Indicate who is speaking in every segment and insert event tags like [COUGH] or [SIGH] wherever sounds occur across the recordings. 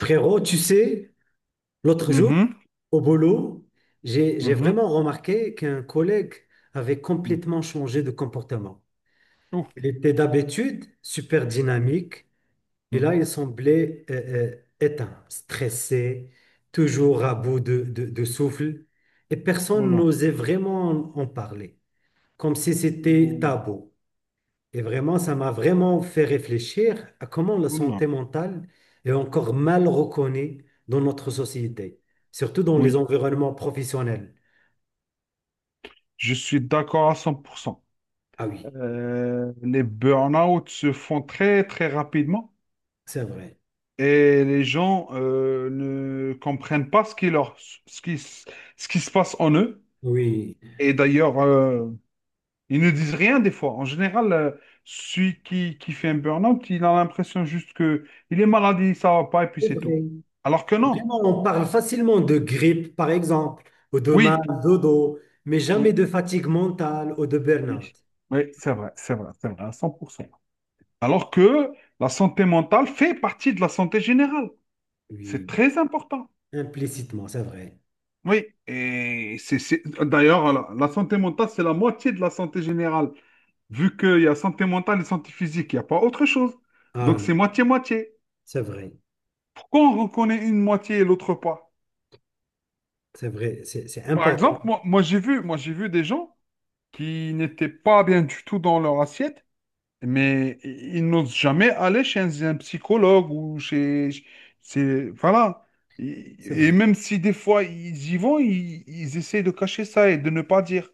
Speaker 1: Frérot, tu sais, l'autre jour,
Speaker 2: Mhm,
Speaker 1: au boulot, j'ai
Speaker 2: mhm,
Speaker 1: vraiment remarqué qu'un collègue avait
Speaker 2: mhm.
Speaker 1: complètement changé de comportement.
Speaker 2: Ouh,
Speaker 1: Il était d'habitude super
Speaker 2: mhm,
Speaker 1: dynamique et là,
Speaker 2: mhm.
Speaker 1: il semblait éteint, stressé, toujours à bout de souffle et
Speaker 2: Oh
Speaker 1: personne
Speaker 2: là.
Speaker 1: n'osait vraiment en parler, comme si c'était
Speaker 2: Ouh,
Speaker 1: tabou. Et vraiment, ça m'a vraiment fait réfléchir à comment la
Speaker 2: oh là.
Speaker 1: santé mentale est encore mal reconnue dans notre société, surtout dans les
Speaker 2: Oui,
Speaker 1: environnements professionnels.
Speaker 2: je suis d'accord à 100%.
Speaker 1: Ah oui,
Speaker 2: Les burn-out se font très, très rapidement
Speaker 1: c'est vrai.
Speaker 2: et les gens ne comprennent pas ce qui leur, ce qui, s- ce qui se passe en eux.
Speaker 1: Oui,
Speaker 2: Et d'ailleurs, ils ne disent rien des fois. En général, celui qui fait un burn-out, il a l'impression juste que il est malade, ça va pas et puis
Speaker 1: c'est
Speaker 2: c'est tout.
Speaker 1: vrai.
Speaker 2: Alors que non.
Speaker 1: Vraiment, on parle facilement de grippe, par exemple, ou de mal
Speaker 2: Oui,
Speaker 1: de dos, mais jamais
Speaker 2: oui.
Speaker 1: de fatigue mentale ou de
Speaker 2: Oui,
Speaker 1: burn-out.
Speaker 2: oui, c'est vrai, c'est vrai, c'est vrai, à 100%. Alors que la santé mentale fait partie de la santé générale. C'est
Speaker 1: Oui,
Speaker 2: très important.
Speaker 1: implicitement, c'est vrai.
Speaker 2: Oui, et d'ailleurs, la santé mentale, c'est la moitié de la santé générale, vu qu'il y a santé mentale et santé physique, il n'y a pas autre chose.
Speaker 1: Ah
Speaker 2: Donc c'est
Speaker 1: oui,
Speaker 2: moitié-moitié.
Speaker 1: c'est vrai.
Speaker 2: Pourquoi on reconnaît une moitié et l'autre pas?
Speaker 1: C'est vrai, c'est
Speaker 2: Par exemple,
Speaker 1: important.
Speaker 2: moi j'ai vu des gens qui n'étaient pas bien du tout dans leur assiette, mais ils n'osent jamais aller chez un psychologue ou chez... C'est, voilà.
Speaker 1: C'est
Speaker 2: Et
Speaker 1: vrai.
Speaker 2: même si des fois ils y vont, ils essaient de cacher ça et de ne pas dire.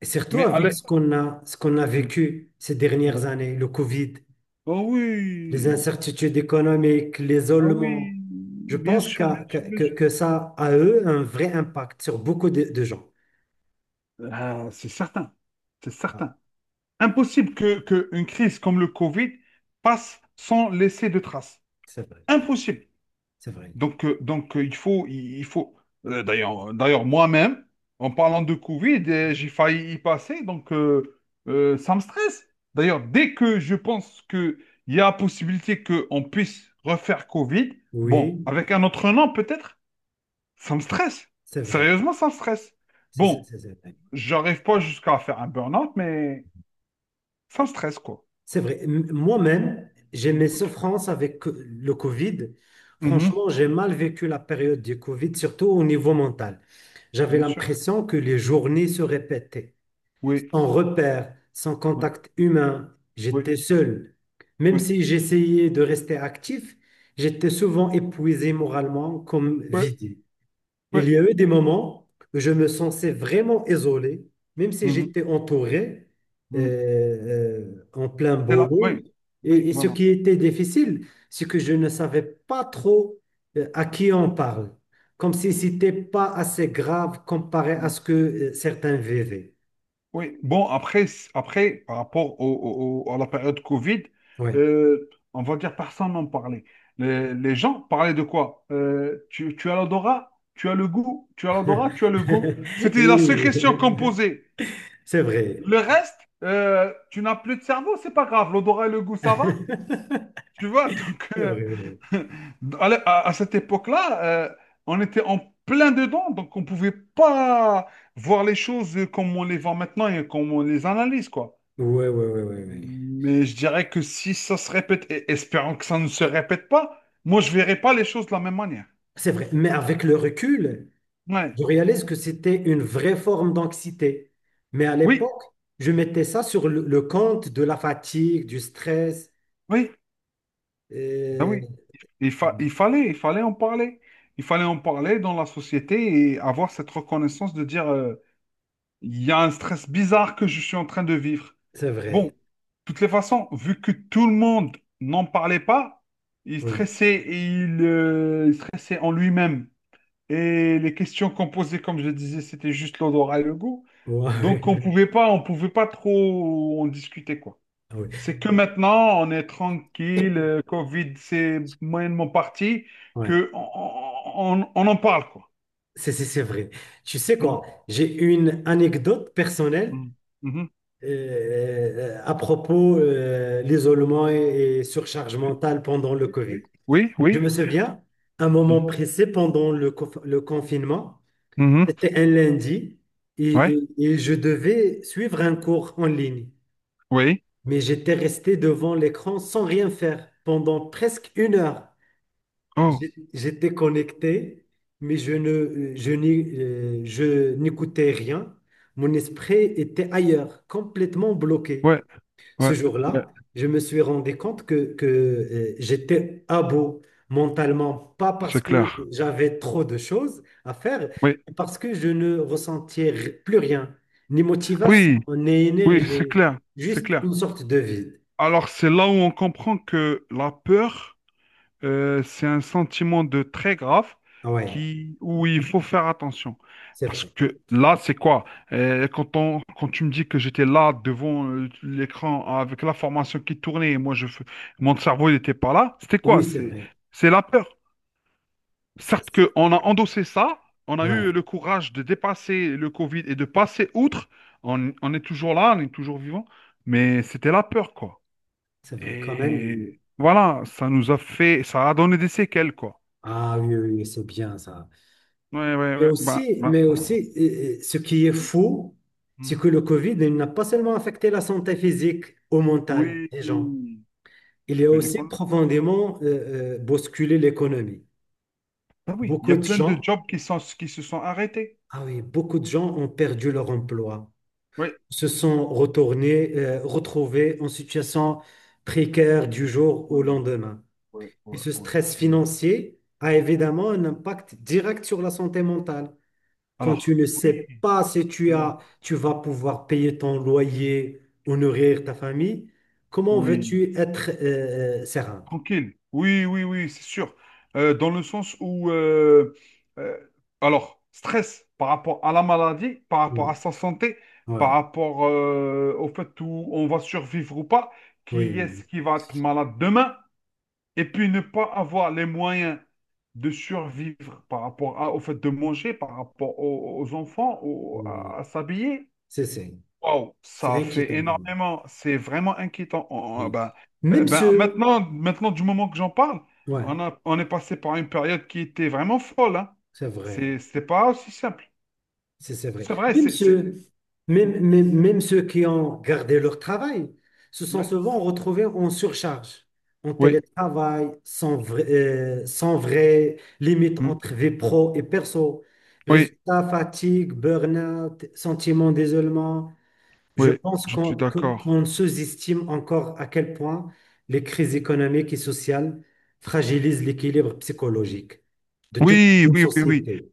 Speaker 1: Et surtout
Speaker 2: Mais
Speaker 1: avec
Speaker 2: allez...
Speaker 1: ce qu'on a
Speaker 2: Mm.
Speaker 1: vécu ces dernières
Speaker 2: Ouais.
Speaker 1: années, le Covid,
Speaker 2: Oh
Speaker 1: les
Speaker 2: oui,
Speaker 1: incertitudes économiques,
Speaker 2: ah oui,
Speaker 1: l'isolement. Je
Speaker 2: bien
Speaker 1: pense
Speaker 2: sûr, bien
Speaker 1: qu'a- que,
Speaker 2: sûr, bien
Speaker 1: que,
Speaker 2: sûr.
Speaker 1: que ça a, eux, un vrai impact sur beaucoup de gens.
Speaker 2: Ah, c'est certain, c'est
Speaker 1: Ah,
Speaker 2: certain. Impossible que une crise comme le Covid passe sans laisser de traces.
Speaker 1: c'est vrai,
Speaker 2: Impossible.
Speaker 1: c'est vrai.
Speaker 2: Donc, il faut, il faut. D'ailleurs, moi-même, en parlant de Covid, j'ai failli y passer, donc ça me stresse. D'ailleurs, dès que je pense qu'il y a possibilité qu'on puisse refaire Covid, bon,
Speaker 1: Oui,
Speaker 2: avec un autre nom peut-être, ça me stresse.
Speaker 1: c'est vrai.
Speaker 2: Sérieusement, ça me stresse.
Speaker 1: C'est c'est-
Speaker 2: Bon,
Speaker 1: c'est- c'est vrai.
Speaker 2: j'arrive pas jusqu'à faire un burn-out, mais ça me stresse, quoi.
Speaker 1: C'est vrai. Moi-même, j'ai mes
Speaker 2: Mhm.
Speaker 1: souffrances avec le Covid.
Speaker 2: Mhm.
Speaker 1: Franchement, j'ai mal vécu la période du Covid, surtout au niveau mental. J'avais
Speaker 2: Bien sûr.
Speaker 1: l'impression que les journées se répétaient,
Speaker 2: Oui,
Speaker 1: sans repère, sans
Speaker 2: oui,
Speaker 1: contact humain.
Speaker 2: oui,
Speaker 1: J'étais seul. Même
Speaker 2: oui,
Speaker 1: si j'essayais de rester actif, j'étais souvent épuisé moralement comme
Speaker 2: oui,
Speaker 1: vidé. Il
Speaker 2: oui.
Speaker 1: y a eu des moments où je me sentais vraiment isolé, même si
Speaker 2: Mhm.
Speaker 1: j'étais entouré
Speaker 2: Mhm.
Speaker 1: euh, en plein
Speaker 2: C'est là,
Speaker 1: boulot.
Speaker 2: oui, oui,
Speaker 1: Et ce
Speaker 2: voilà.
Speaker 1: qui était difficile, c'est que je ne savais pas trop, à qui on parle, comme si c'était pas assez grave comparé à
Speaker 2: Mm.
Speaker 1: ce que certains vivaient.
Speaker 2: Oui, bon, après, après par rapport à la période Covid,
Speaker 1: Oui.
Speaker 2: on va dire personne n'en parlait. Les gens parlaient de quoi? Tu as l'odorat, tu as le goût, tu as l'odorat,
Speaker 1: [LAUGHS]
Speaker 2: tu as le goût. C'était la seule
Speaker 1: Oui,
Speaker 2: question qu'on posait.
Speaker 1: c'est vrai.
Speaker 2: Le reste, tu n'as plus de cerveau, c'est pas grave. L'odorat et le goût, ça va.
Speaker 1: [LAUGHS]
Speaker 2: Tu vois, donc,
Speaker 1: C'est vrai, oui.
Speaker 2: [LAUGHS] à cette époque-là, on était en plein dedans, donc on ne pouvait pas voir les choses comme on les voit maintenant et comme on les analyse, quoi.
Speaker 1: Ouais, ouais, ouais, ouais, ouais.
Speaker 2: Mais je dirais que si ça se répète, et espérons que ça ne se répète pas, moi, je ne verrai pas les choses de la même manière.
Speaker 1: C'est vrai. Mais avec le recul,
Speaker 2: Ouais.
Speaker 1: je réalise que c'était une vraie forme d'anxiété. Mais à
Speaker 2: Oui,
Speaker 1: l'époque, je mettais ça sur le compte de la fatigue, du stress.
Speaker 2: oui, ben
Speaker 1: Euh,
Speaker 2: oui. Il fallait en parler. Il fallait en parler dans la société et avoir cette reconnaissance de dire: il y a un stress bizarre que je suis en train de vivre.
Speaker 1: C'est
Speaker 2: Bon, de
Speaker 1: vrai,
Speaker 2: toutes les façons, vu que tout le monde n'en parlait pas, il
Speaker 1: oui.
Speaker 2: stressait et il stressait en lui-même. Et les questions qu'on posait, comme je disais, c'était juste l'odorat et le goût.
Speaker 1: Ouais,
Speaker 2: Donc
Speaker 1: [LAUGHS]
Speaker 2: on
Speaker 1: ouais.
Speaker 2: pouvait pas, on pouvait pas trop en discuter, quoi.
Speaker 1: Ah oui.
Speaker 2: C'est que maintenant, on est tranquille, Covid, c'est moyennement parti,
Speaker 1: Ouais,
Speaker 2: que on en parle, quoi.
Speaker 1: c'est vrai. Tu sais
Speaker 2: Mm,
Speaker 1: quoi, j'ai une anecdote personnelle
Speaker 2: mm, mhm.
Speaker 1: à propos l'isolement et surcharge mentale pendant le
Speaker 2: Oui, oui,
Speaker 1: Covid.
Speaker 2: oui.
Speaker 1: Je
Speaker 2: Oui,
Speaker 1: me souviens, un moment
Speaker 2: oui.
Speaker 1: précis pendant le confinement,
Speaker 2: Mhm.
Speaker 1: c'était un lundi et,
Speaker 2: Ouais,
Speaker 1: et- et je devais suivre un cours en ligne.
Speaker 2: oui,
Speaker 1: Mais j'étais resté devant l'écran sans rien faire pendant presque une heure.
Speaker 2: oh,
Speaker 1: J'étais connecté, mais je n'écoutais rien. Mon esprit était ailleurs, complètement bloqué.
Speaker 2: ouais,
Speaker 1: Ce
Speaker 2: ouais, ouais,
Speaker 1: jour-là, je me suis rendu compte j'étais à bout mentalement, pas parce
Speaker 2: c'est
Speaker 1: que
Speaker 2: clair.
Speaker 1: j'avais trop de choses à faire,
Speaker 2: Oui,
Speaker 1: mais parce que je ne ressentais plus rien, ni motivation,
Speaker 2: oui,
Speaker 1: ni
Speaker 2: oui, c'est
Speaker 1: énergie,
Speaker 2: clair, c'est
Speaker 1: juste
Speaker 2: clair.
Speaker 1: une sorte de vide.
Speaker 2: Alors, c'est là où on comprend que la peur, c'est un sentiment de très grave
Speaker 1: Ah ouais,
Speaker 2: où il faut faire attention.
Speaker 1: c'est
Speaker 2: Parce
Speaker 1: vrai.
Speaker 2: que là, c'est quoi? Quand tu me dis que j'étais là devant l'écran avec la formation qui tournait et moi, mon cerveau n'était pas là, c'était
Speaker 1: Oui,
Speaker 2: quoi?
Speaker 1: c'est
Speaker 2: C'est,
Speaker 1: vrai.
Speaker 2: c'est la peur.
Speaker 1: C'est-
Speaker 2: Certes
Speaker 1: c'est-
Speaker 2: qu'on a endossé ça, on a
Speaker 1: Ouais,
Speaker 2: eu le courage de dépasser le Covid et de passer outre. On est toujours là, on est toujours vivant, mais c'était la peur, quoi.
Speaker 1: c'est vrai quand même.
Speaker 2: Et voilà, ça nous a fait, ça a donné des séquelles, quoi.
Speaker 1: Ah oui, oui, oui, c'est bien ça.
Speaker 2: Ouais, ouais, ouais. Bah, bah.
Speaker 1: Mais aussi, ce qui est fou, c'est
Speaker 2: Mhm.
Speaker 1: que le Covid, il n'a pas seulement affecté la santé physique ou mentale
Speaker 2: Oui.
Speaker 1: des gens, il a
Speaker 2: Ben,
Speaker 1: aussi
Speaker 2: l'école-
Speaker 1: profondément bousculé l'économie.
Speaker 2: Ah oui, il y
Speaker 1: Beaucoup
Speaker 2: a
Speaker 1: de
Speaker 2: plein de
Speaker 1: gens,
Speaker 2: jobs qui se sont arrêtés.
Speaker 1: ah oui, beaucoup de gens ont perdu leur emploi,
Speaker 2: Oui.
Speaker 1: se sont retrouvés en situation précaire du jour au
Speaker 2: Oui, oui,
Speaker 1: lendemain.
Speaker 2: oui,
Speaker 1: Et
Speaker 2: oui,
Speaker 1: ce
Speaker 2: oui,
Speaker 1: stress
Speaker 2: j'imagine.
Speaker 1: financier a évidemment un impact direct sur la santé mentale. Quand
Speaker 2: Alors,
Speaker 1: tu ne
Speaker 2: oui,
Speaker 1: sais pas si
Speaker 2: non,
Speaker 1: tu vas pouvoir payer ton loyer ou nourrir ta famille, comment
Speaker 2: oui.
Speaker 1: veux-tu être serein?
Speaker 2: Tranquille. Oui, oui, oui, c'est sûr. Dans le sens où, euh, alors, stress par rapport à la maladie, par rapport
Speaker 1: Ouais,
Speaker 2: à sa santé, par
Speaker 1: ouais,
Speaker 2: rapport au fait où on va survivre ou pas, qui
Speaker 1: oui,
Speaker 2: est-ce qui va être malade demain, et puis ne pas avoir les moyens de survivre par rapport au fait de manger, par rapport aux enfants,
Speaker 1: oui, oui.
Speaker 2: à s'habiller.
Speaker 1: C'est, c'est,
Speaker 2: Wow,
Speaker 1: c'est
Speaker 2: ça fait
Speaker 1: inquiétant vraiment.
Speaker 2: énormément. C'est vraiment inquiétant. Ah
Speaker 1: Oui.
Speaker 2: ben,
Speaker 1: Même ceux,
Speaker 2: maintenant, du moment que j'en parle,
Speaker 1: ouais,
Speaker 2: on est passé par une période qui était vraiment folle. Hein.
Speaker 1: c'est vrai.
Speaker 2: C'est pas aussi simple.
Speaker 1: C'est vrai.
Speaker 2: C'est vrai,
Speaker 1: Même
Speaker 2: c'est.
Speaker 1: ceux,
Speaker 2: Mm,
Speaker 1: même ceux qui ont gardé leur travail se sont
Speaker 2: ouais.
Speaker 1: souvent retrouvés en surcharge, en
Speaker 2: Oui,
Speaker 1: télétravail, sans vrai, sans vrai limite
Speaker 2: mm,
Speaker 1: entre vie pro et perso.
Speaker 2: oui,
Speaker 1: Résultat, fatigue, burn-out, sentiment d'isolement. Je
Speaker 2: oui,
Speaker 1: pense
Speaker 2: je
Speaker 1: qu'on
Speaker 2: suis
Speaker 1: que-
Speaker 2: d'accord.
Speaker 1: qu'on sous-estime encore à quel point les crises économiques et sociales fragilisent l'équilibre psychologique de toute
Speaker 2: Oui,
Speaker 1: une
Speaker 2: oui, oui, oui.
Speaker 1: société.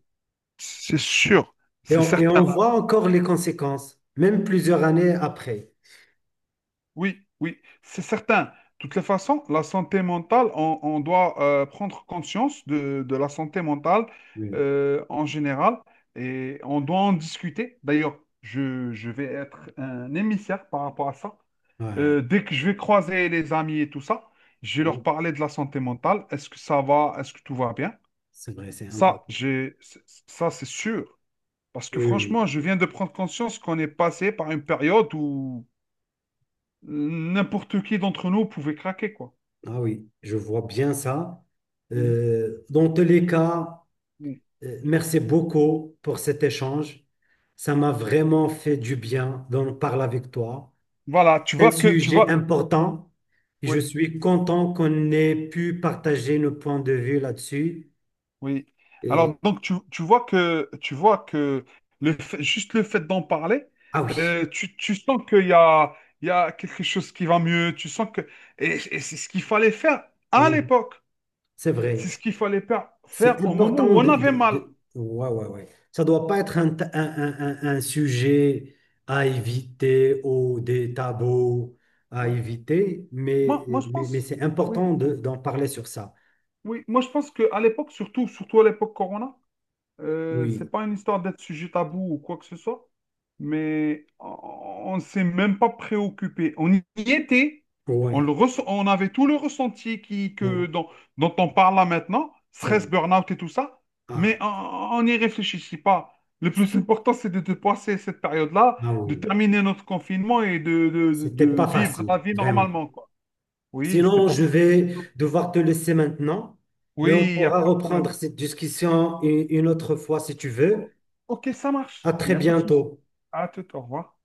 Speaker 2: C'est sûr,
Speaker 1: Et
Speaker 2: c'est
Speaker 1: on, et
Speaker 2: certain.
Speaker 1: on voit encore les conséquences, même plusieurs années après.
Speaker 2: Oui, oui, c'est certain. De toutes les façons, la santé mentale, on doit prendre conscience de la santé mentale
Speaker 1: Oui, oui,
Speaker 2: en général et on doit en discuter. D'ailleurs, je vais être un émissaire par rapport à ça.
Speaker 1: ouais,
Speaker 2: Dès que je vais croiser les amis et tout ça, je vais leur
Speaker 1: oui,
Speaker 2: parler de la santé mentale. Est-ce que ça va? Est-ce que tout va bien?
Speaker 1: c'est vrai, c'est important.
Speaker 2: Ça, j'ai, c- ça, c'est sûr. Parce
Speaker 1: Oui,
Speaker 2: que
Speaker 1: oui, oui.
Speaker 2: franchement, je viens de prendre conscience qu'on est passé par une période où n'importe qui d'entre nous pouvait craquer, quoi.
Speaker 1: Ah oui, je vois bien ça.
Speaker 2: Mhm.
Speaker 1: Dans tous les cas,
Speaker 2: Mhm.
Speaker 1: merci beaucoup pour cet échange. Ça m'a vraiment fait du bien d'en parler avec toi.
Speaker 2: Voilà, tu
Speaker 1: C'est un
Speaker 2: vois que tu
Speaker 1: sujet
Speaker 2: vois
Speaker 1: important et je
Speaker 2: oui,
Speaker 1: suis content qu'on ait pu partager nos points de vue là-dessus.
Speaker 2: oui.
Speaker 1: Et-
Speaker 2: Alors donc tu vois que juste le fait d'en parler,
Speaker 1: ah oui,
Speaker 2: tu sens qu'il y a quelque chose qui va mieux, tu sens que et c'est ce qu'il fallait faire à
Speaker 1: oui,
Speaker 2: l'époque.
Speaker 1: c'est
Speaker 2: C'est
Speaker 1: vrai.
Speaker 2: ce qu'il fallait faire,
Speaker 1: C'est
Speaker 2: faire au moment
Speaker 1: important
Speaker 2: où on avait mal.
Speaker 1: Ouais, ouais, ouais. Ça doit pas être un, ta- un sujet à éviter ou des tabous à
Speaker 2: Oui.
Speaker 1: éviter,
Speaker 2: Moi je
Speaker 1: mais
Speaker 2: pense
Speaker 1: c'est
Speaker 2: oui,
Speaker 1: important d'en parler sur ça.
Speaker 2: oui, moi je pense que à l'époque surtout à l'époque Corona. Euh,
Speaker 1: Oui,
Speaker 2: c'est pas une histoire d'être sujet tabou ou quoi que ce soit, mais on ne s'est même pas préoccupé. On y était,
Speaker 1: ouais,
Speaker 2: on avait tout le ressenti
Speaker 1: bon,
Speaker 2: dont on parle là maintenant,
Speaker 1: c'est vrai.
Speaker 2: stress, burn-out et tout ça, mais
Speaker 1: Ah,
Speaker 2: on n'y réfléchissait pas. Le plus important, c'est de passer cette période-là,
Speaker 1: ah
Speaker 2: de
Speaker 1: oui,
Speaker 2: terminer notre confinement et de, de- de-
Speaker 1: c'était
Speaker 2: de
Speaker 1: pas
Speaker 2: vivre la
Speaker 1: facile,
Speaker 2: vie
Speaker 1: vraiment.
Speaker 2: normalement, quoi. Oui, c'était
Speaker 1: Sinon,
Speaker 2: pas
Speaker 1: je
Speaker 2: facile.
Speaker 1: vais devoir te laisser maintenant, mais on
Speaker 2: Oui, il n'y a
Speaker 1: pourra
Speaker 2: pas de
Speaker 1: reprendre
Speaker 2: problème.
Speaker 1: cette discussion une autre fois si tu
Speaker 2: O-
Speaker 1: veux.
Speaker 2: Ok, ça
Speaker 1: À
Speaker 2: marche, il
Speaker 1: très
Speaker 2: n'y a pas de souci.
Speaker 1: bientôt.
Speaker 2: À tout, au revoir.